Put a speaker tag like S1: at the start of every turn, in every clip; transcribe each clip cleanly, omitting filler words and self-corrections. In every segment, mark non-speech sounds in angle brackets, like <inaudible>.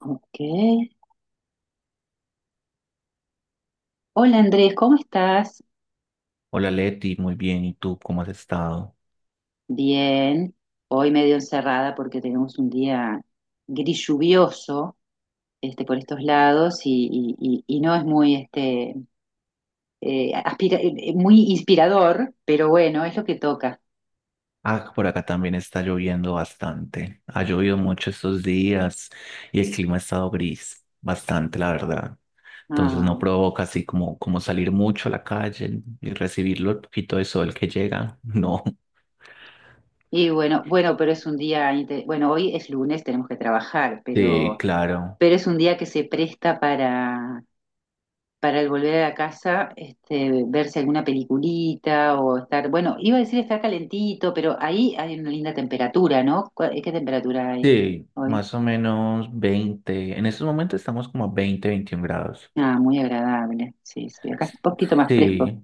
S1: Ok. Hola Andrés, ¿cómo estás?
S2: Hola Leti, muy bien. ¿Y tú cómo has estado?
S1: Bien. Hoy medio encerrada porque tenemos un día gris lluvioso este, por estos lados y no es muy, este, muy inspirador, pero bueno, es lo que toca.
S2: Ah, por acá también está lloviendo bastante. Ha llovido mucho estos días y el clima ha estado gris, bastante, la verdad. Entonces
S1: Ah,
S2: no provoca así como salir mucho a la calle y recibirlo el poquito de sol que llega. <laughs> No.
S1: y bueno, pero es un día, bueno, hoy es lunes, tenemos que trabajar,
S2: Sí,
S1: pero,
S2: claro.
S1: pero es un día que se presta para el volver a la casa, este, verse alguna peliculita o estar, bueno, iba a decir estar calentito, pero ahí hay una linda temperatura, ¿no? ¿Qué temperatura hay
S2: Sí,
S1: hoy?
S2: más o menos 20. En estos momentos estamos como a 20, 21 grados.
S1: Ah, muy agradable, sí, sí, acá es un poquito más fresco.
S2: Sí,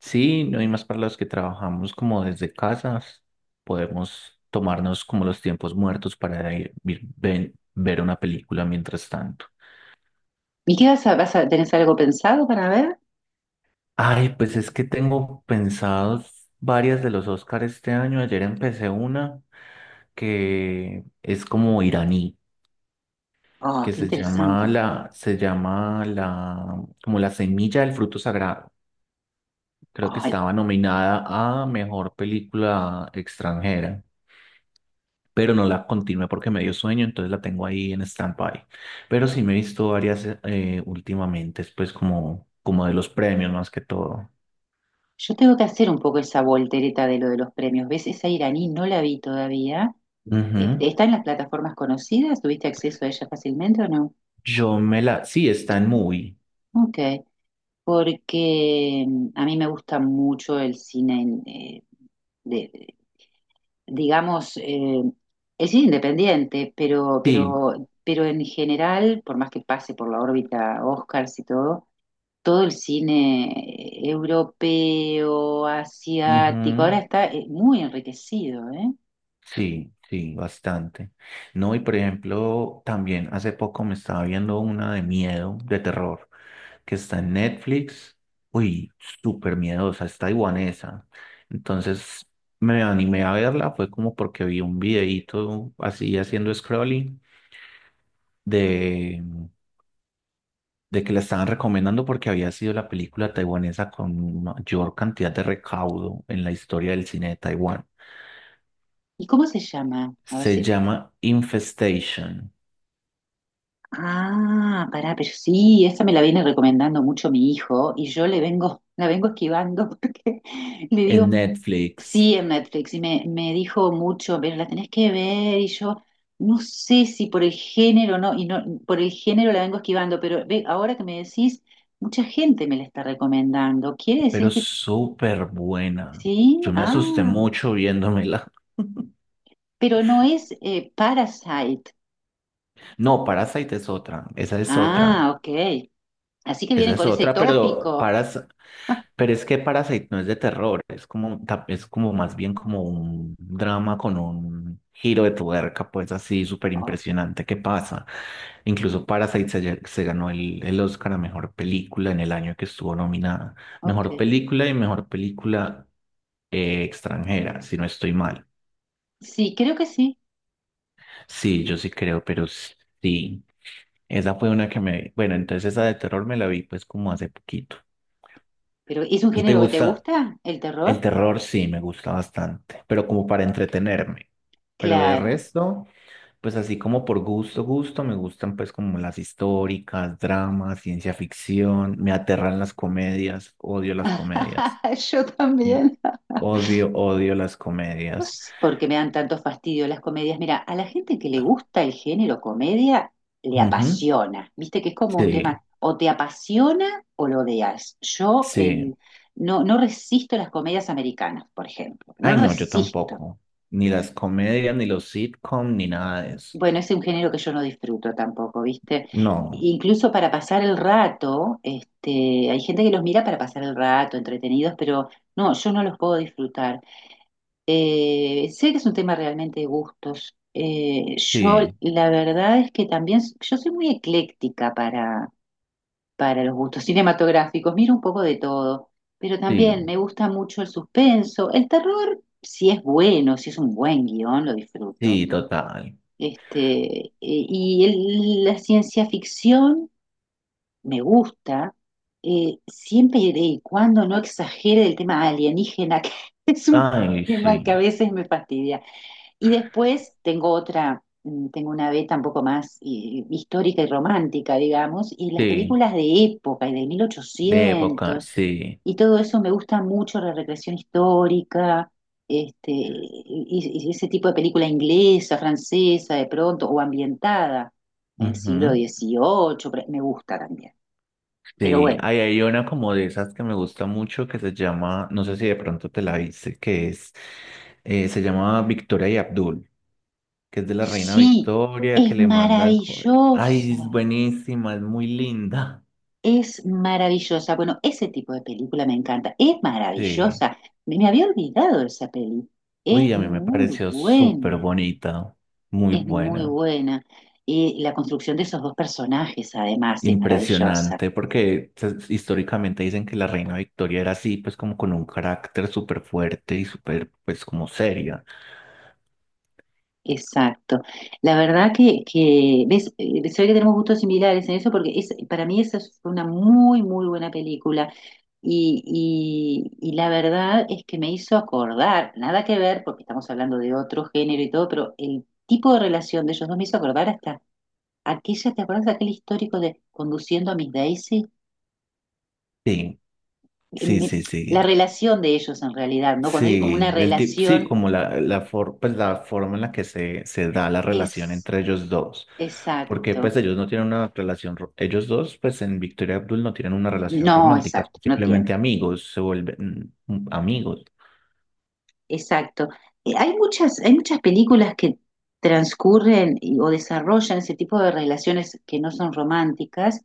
S2: sí, no hay más para los que trabajamos como desde casas. Podemos tomarnos como los tiempos muertos para ir, ver una película mientras tanto.
S1: ¿Y qué tenés algo pensado para ver?
S2: Ay, pues es que tengo pensados varias de los Oscars este año. Ayer empecé una que es como iraní,
S1: Ah,
S2: que
S1: qué
S2: se llama
S1: interesante.
S2: como la semilla del fruto sagrado. Creo que
S1: Ay,
S2: estaba nominada a mejor película extranjera, pero no la continué porque me dio sueño, entonces la tengo ahí en stand-by. Pero sí me he visto varias últimamente, pues como de los premios más que todo.
S1: yo tengo que hacer un poco esa voltereta de lo de los premios. ¿Ves? Esa iraní no la vi todavía.
S2: Ujú.
S1: Este, ¿está en las plataformas conocidas? ¿Tuviste acceso a ella fácilmente o no?
S2: Yo me la... Sí, está en movie.
S1: Ok, porque a mí me gusta mucho el cine, de, digamos, el cine independiente, pero,
S2: Sí,
S1: pero, pero en general, por más que pase por la órbita Oscars y todo, todo el cine europeo, asiático, ahora
S2: ujú,
S1: está muy enriquecido, ¿eh?
S2: sí, sí, bastante. No, y por ejemplo, también hace poco me estaba viendo una de miedo, de terror que está en Netflix. Uy, súper miedosa, es taiwanesa. Entonces me animé a verla, fue como porque vi un videíto así haciendo scrolling de, de que la estaban recomendando porque había sido la película taiwanesa con mayor cantidad de recaudo en la historia del cine de Taiwán.
S1: ¿Y cómo se llama? A ver
S2: Se
S1: si.
S2: llama Infestation
S1: Ah, pará, pero sí, esa me la viene recomendando mucho mi hijo y yo le vengo, <laughs> la vengo esquivando <laughs> porque le
S2: en
S1: digo,
S2: Netflix,
S1: sí, en Netflix y me dijo mucho, pero la tenés que ver y yo no sé si por el género no, y no, por el género la vengo esquivando, pero ve, ahora que me decís, mucha gente me la está recomendando. Quiere decir
S2: pero
S1: que
S2: súper buena.
S1: sí,
S2: Yo me
S1: ah,
S2: asusté mucho viéndomela. <laughs>
S1: pero no es Parasite.
S2: No, Parasite es otra, esa es otra,
S1: Ah, ok. Así que
S2: esa
S1: vienen
S2: es
S1: con ese
S2: otra,
S1: tópico. <laughs>
S2: Pero es que Parasite no es de terror, es como, es como más bien como un drama con un giro de tuerca, pues así súper
S1: Oh,
S2: impresionante que pasa. Incluso Parasite se ganó el Oscar a mejor película en el año que estuvo nominada. Mejor
S1: ok.
S2: película y mejor película extranjera, si no estoy mal.
S1: Sí, creo que sí.
S2: Sí, yo sí creo, pero sí. Esa fue una que me... Bueno, entonces esa de terror me la vi pues como hace poquito.
S1: Pero ¿es un
S2: ¿Y te
S1: género que te
S2: gusta?
S1: gusta? ¿El
S2: El
S1: terror?
S2: terror sí, me gusta bastante, pero como para entretenerme. Pero de
S1: Claro.
S2: resto, pues así como por gusto, gusto, me gustan pues como las históricas, dramas, ciencia ficción, me aterran las comedias, odio las comedias.
S1: <laughs> Yo
S2: Mm.
S1: también.
S2: Odio, odio las
S1: No
S2: comedias.
S1: sé por qué me dan tanto fastidio las comedias. Mira, a la gente que le gusta el género comedia, le
S2: Ujú.
S1: apasiona. Viste que es como un tema,
S2: Sí,
S1: o te apasiona o lo odias.
S2: sí.
S1: No, no resisto las comedias americanas, por ejemplo. No
S2: Ay, no, yo
S1: resisto.
S2: tampoco. Ni las comedias, ni los sitcom, ni nada de eso.
S1: Bueno, es un género que yo no disfruto tampoco, ¿viste?
S2: No,
S1: Incluso para pasar el rato, este, hay gente que los mira para pasar el rato, entretenidos, pero no, yo no los puedo disfrutar. Sé que es un tema realmente de gustos. Yo,
S2: sí.
S1: la verdad es que también, yo soy muy ecléctica para los gustos cinematográficos, miro un poco de todo, pero también
S2: Sí,
S1: me gusta mucho el suspenso, el terror, si es bueno, si es un buen guión, lo disfruto.
S2: sí, total.
S1: Este, y la ciencia ficción me gusta, siempre y cuando no exagere el tema alienígena, <laughs> que es un
S2: Ay,
S1: tema que a
S2: sí,
S1: veces me fastidia. Y después tengo otra, tengo una beta un poco más histórica y romántica, digamos, y las
S2: sí,
S1: películas de época y de
S2: de época,
S1: 1800
S2: sí.
S1: y todo eso me gusta mucho, la recreación histórica, este, y, ese tipo de película inglesa, francesa, de pronto, o ambientada en el siglo
S2: Ujú,
S1: 18, me gusta también. Pero
S2: sí,
S1: bueno,
S2: ahí hay una como de esas que me gusta mucho que se llama, no sé si de pronto te la viste, que es, se llama Victoria y Abdul, que es de la reina
S1: sí,
S2: Victoria, que
S1: es
S2: le mandan, ay,
S1: maravillosa.
S2: es buenísima, es muy linda.
S1: Es maravillosa. Bueno, ese tipo de película me encanta. Es
S2: Sí,
S1: maravillosa. Me había olvidado de esa peli. Es
S2: uy, a mí me
S1: muy
S2: pareció súper
S1: buena.
S2: bonita, muy
S1: Es muy
S2: buena.
S1: buena. Y la construcción de esos dos personajes, además, es maravillosa.
S2: Impresionante, porque históricamente dicen que la reina Victoria era así, pues como con un carácter súper fuerte y súper, pues como seria.
S1: Exacto. La verdad que ves, se ve que tenemos gustos similares en eso porque es, para mí esa fue una muy, muy buena película y, la verdad es que me hizo acordar, nada que ver porque estamos hablando de otro género y todo, pero el tipo de relación de ellos dos me hizo acordar hasta aquella, ¿te acuerdas de aquel histórico de Conduciendo a Miss Daisy?
S2: Sí,
S1: Eh,
S2: sí,
S1: me-
S2: sí, sí.
S1: la relación de ellos en realidad, ¿no? Cuando hay como una
S2: Sí,
S1: relación
S2: como pues, la forma en la que se da la relación
S1: es
S2: entre ellos dos. Porque
S1: exacto.
S2: pues ellos no tienen una relación, ellos dos, pues en Victoria y Abdul no tienen una relación
S1: No,
S2: romántica,
S1: exacto,
S2: son
S1: no tiene.
S2: simplemente amigos, se vuelven amigos.
S1: Exacto. Hay muchas, películas que transcurren o desarrollan ese tipo de relaciones que no son románticas.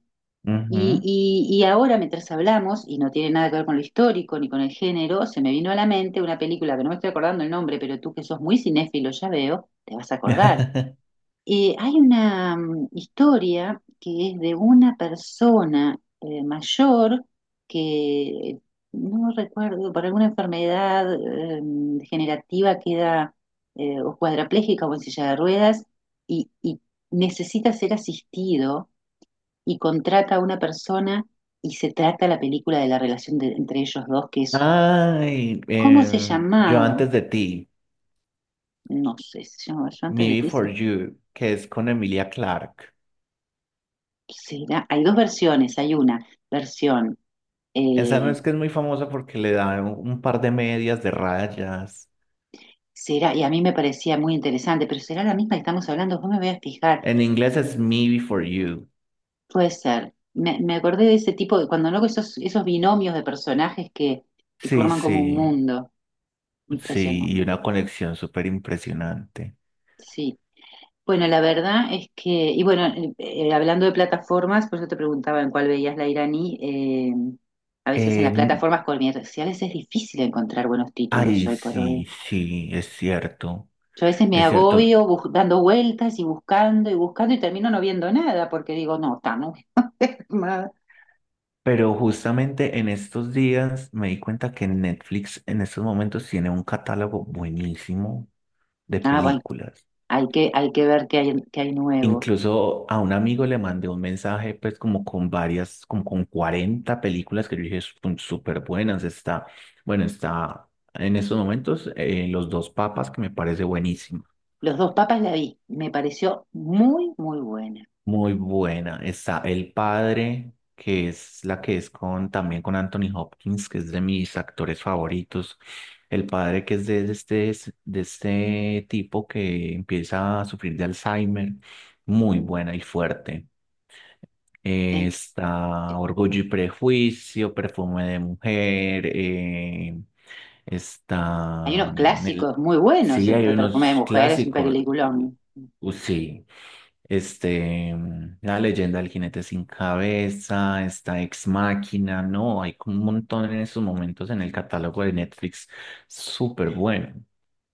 S1: Y,
S2: Ujú.
S1: y- y ahora, mientras hablamos, y no tiene nada que ver con lo histórico ni con el género, se me vino a la mente una película que no me estoy acordando el nombre, pero tú que sos muy cinéfilo, ya veo, te vas a acordar.
S2: <laughs>
S1: Hay una historia que es de una persona mayor que no recuerdo, por alguna enfermedad degenerativa queda o cuadraplégica o en silla de ruedas y necesita ser asistido y contrata a una persona y se trata la película de la relación entre ellos dos, que es,
S2: Ay,
S1: ¿cómo se
S2: yo
S1: llamaba?
S2: antes de ti,
S1: No sé, ¿se llamaba yo antes
S2: Me
S1: de ti?
S2: Before You, que es con Emilia Clarke.
S1: ¿Será? Hay dos versiones, hay una versión,
S2: Esa no
S1: eh,
S2: es que es muy famosa porque le da un par de medias de rayas.
S1: será, y a mí me parecía muy interesante, pero será la misma que estamos hablando, vos me voy a fijar,
S2: En inglés es Me Before You.
S1: puede ser. Me acordé de ese tipo de, cuando luego esos binomios de personajes que
S2: Sí,
S1: forman
S2: sí,
S1: como un mundo
S2: sí, y
S1: impresionante.
S2: una conexión súper impresionante.
S1: Sí. Bueno, la verdad es que, y bueno, hablando de plataformas, por eso te preguntaba en cuál veías la iraní, a veces en las
S2: En-
S1: plataformas comerciales es difícil encontrar buenos títulos
S2: ay,
S1: hoy por hoy.
S2: sí, sí, es cierto,
S1: Yo a veces me
S2: es cierto.
S1: agobio dando vueltas y buscando y buscando y termino no viendo nada porque digo, no, estamos quemada.
S2: Pero justamente en estos días me di cuenta que Netflix en estos momentos tiene un catálogo buenísimo de
S1: Ah, bueno,
S2: películas.
S1: hay que ver qué hay nuevo.
S2: Incluso a un amigo le mandé un mensaje, pues como con varias, como con 40 películas que yo dije son súper buenas. Está, bueno, está en estos momentos Los dos papas, que me parece buenísima,
S1: Los dos papas la vi, me pareció muy, muy buena.
S2: muy buena. Está El Padre, que es la que es con, también con Anthony Hopkins, que es de mis actores favoritos. El Padre, que es de este tipo que empieza a sufrir de Alzheimer, muy buena y fuerte.
S1: El-
S2: Está Orgullo y Prejuicio, Perfume de Mujer,
S1: hay
S2: está
S1: unos clásicos muy buenos,
S2: sí,
S1: el
S2: hay
S1: Perfume de
S2: unos
S1: Mujer es un
S2: clásicos,
S1: peliculón.
S2: sí, este, La leyenda del jinete sin cabeza, está Ex Máquina, no, hay como un montón en esos momentos en el catálogo de Netflix, súper bueno.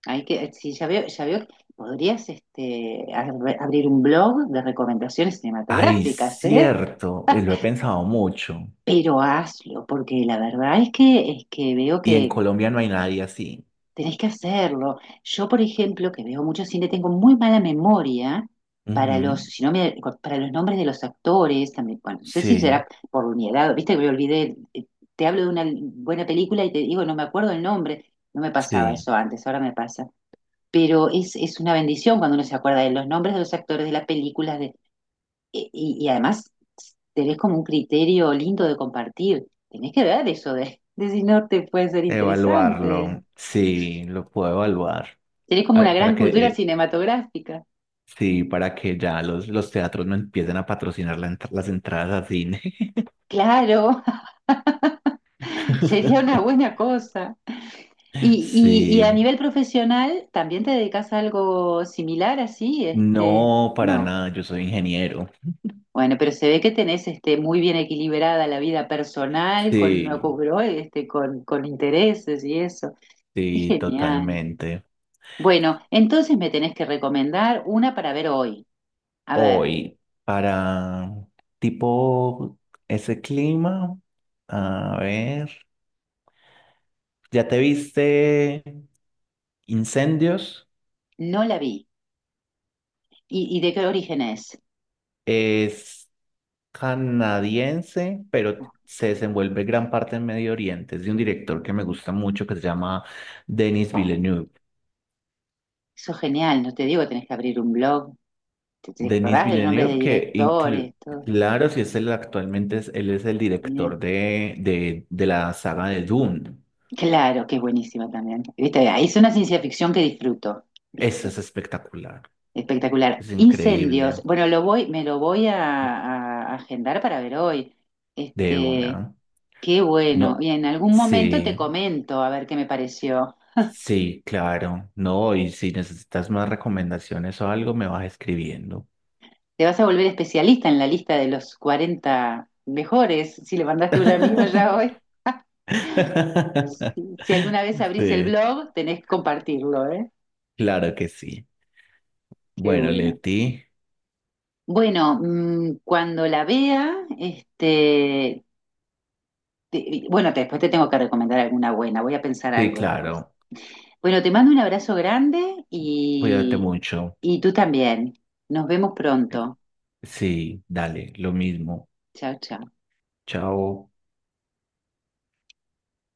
S1: Hay que, sí, ya veo que podrías este, abrir un blog de recomendaciones
S2: Ay,
S1: cinematográficas, ¿eh?
S2: cierto, y lo he
S1: <laughs>
S2: pensado mucho,
S1: Pero hazlo, porque la verdad es que veo.
S2: y en Colombia no hay nadie así.
S1: Tenés que hacerlo. Yo, por ejemplo, que veo mucho cine, tengo muy mala memoria para los,
S2: Ujú,
S1: si no me- para los nombres de los actores también. Bueno, no sé si
S2: sí,
S1: será por mi edad, viste que me olvidé, te hablo de una buena película y te digo, no me acuerdo el nombre. No me pasaba
S2: sí.
S1: eso antes, ahora me pasa. Pero es una bendición cuando uno se acuerda de los nombres de los actores de las películas de, y, y además tenés como un criterio lindo de compartir. Tenés que ver eso de si no te puede ser
S2: Evaluarlo,
S1: interesante.
S2: sí, lo puedo evaluar.
S1: Tenés como una
S2: Ah, para
S1: gran
S2: que,
S1: cultura cinematográfica.
S2: sí, para que ya los teatros no empiecen a patrocinar la las entradas a cine.
S1: Claro, <laughs> sería una
S2: <laughs>
S1: buena cosa. Y a
S2: Sí,
S1: nivel profesional, ¿también te dedicas a algo similar así? Este,
S2: no, para
S1: no.
S2: nada, yo soy ingeniero.
S1: Bueno, pero se ve que tenés este, muy bien equilibrada la vida personal
S2: Sí,
S1: este, con intereses y eso. Es
S2: sí,
S1: genial.
S2: totalmente.
S1: Bueno, entonces me tenés que recomendar una para ver hoy. A ver,
S2: Hoy, para tipo ese clima, a ver, ¿ya te viste Incendios?
S1: no la vi. ¿Y de qué origen es?
S2: Es canadiense, pero
S1: Ok.
S2: se desenvuelve gran parte en Medio Oriente. Es de un director que me gusta mucho que se llama Denis Villeneuve.
S1: Eso es genial, no te digo, tenés que abrir un blog. ¿Te
S2: Denis
S1: acordás de los nombres de
S2: Villeneuve que
S1: directores?
S2: inclu-
S1: Todo.
S2: Claro, si es el actualmente, él es el
S1: Genial.
S2: director de la saga de Dune.
S1: Claro, que es buenísima también. ¿Viste? Ahí es una ciencia ficción que disfruto.
S2: Eso
S1: ¿Viste?
S2: es espectacular.
S1: Espectacular.
S2: Es
S1: Incendios.
S2: increíble.
S1: Bueno, me lo voy a agendar para ver hoy.
S2: De
S1: Este,
S2: una.
S1: qué bueno.
S2: No.
S1: Y en algún momento te
S2: Sí,
S1: comento a ver qué me pareció.
S2: sí, claro. No, y si necesitas más recomendaciones o algo, me vas escribiendo.
S1: Te vas a volver especialista en la lista de los 40 mejores. Si le mandaste a un amigo ya
S2: <laughs>
S1: hoy. Si,
S2: <laughs>
S1: si alguna vez abrís el
S2: Sí,
S1: blog, tenés que compartirlo, ¿eh?
S2: claro que sí.
S1: Qué
S2: Bueno,
S1: bueno.
S2: Leti,
S1: Bueno, cuando la vea, este, bueno, después te tengo que recomendar alguna buena, voy a pensar
S2: sí,
S1: algo después.
S2: claro,
S1: Bueno, te mando un abrazo grande
S2: cuídate mucho.
S1: y tú también. Nos vemos pronto.
S2: Sí, dale, lo mismo.
S1: Chao, chao.
S2: Chao.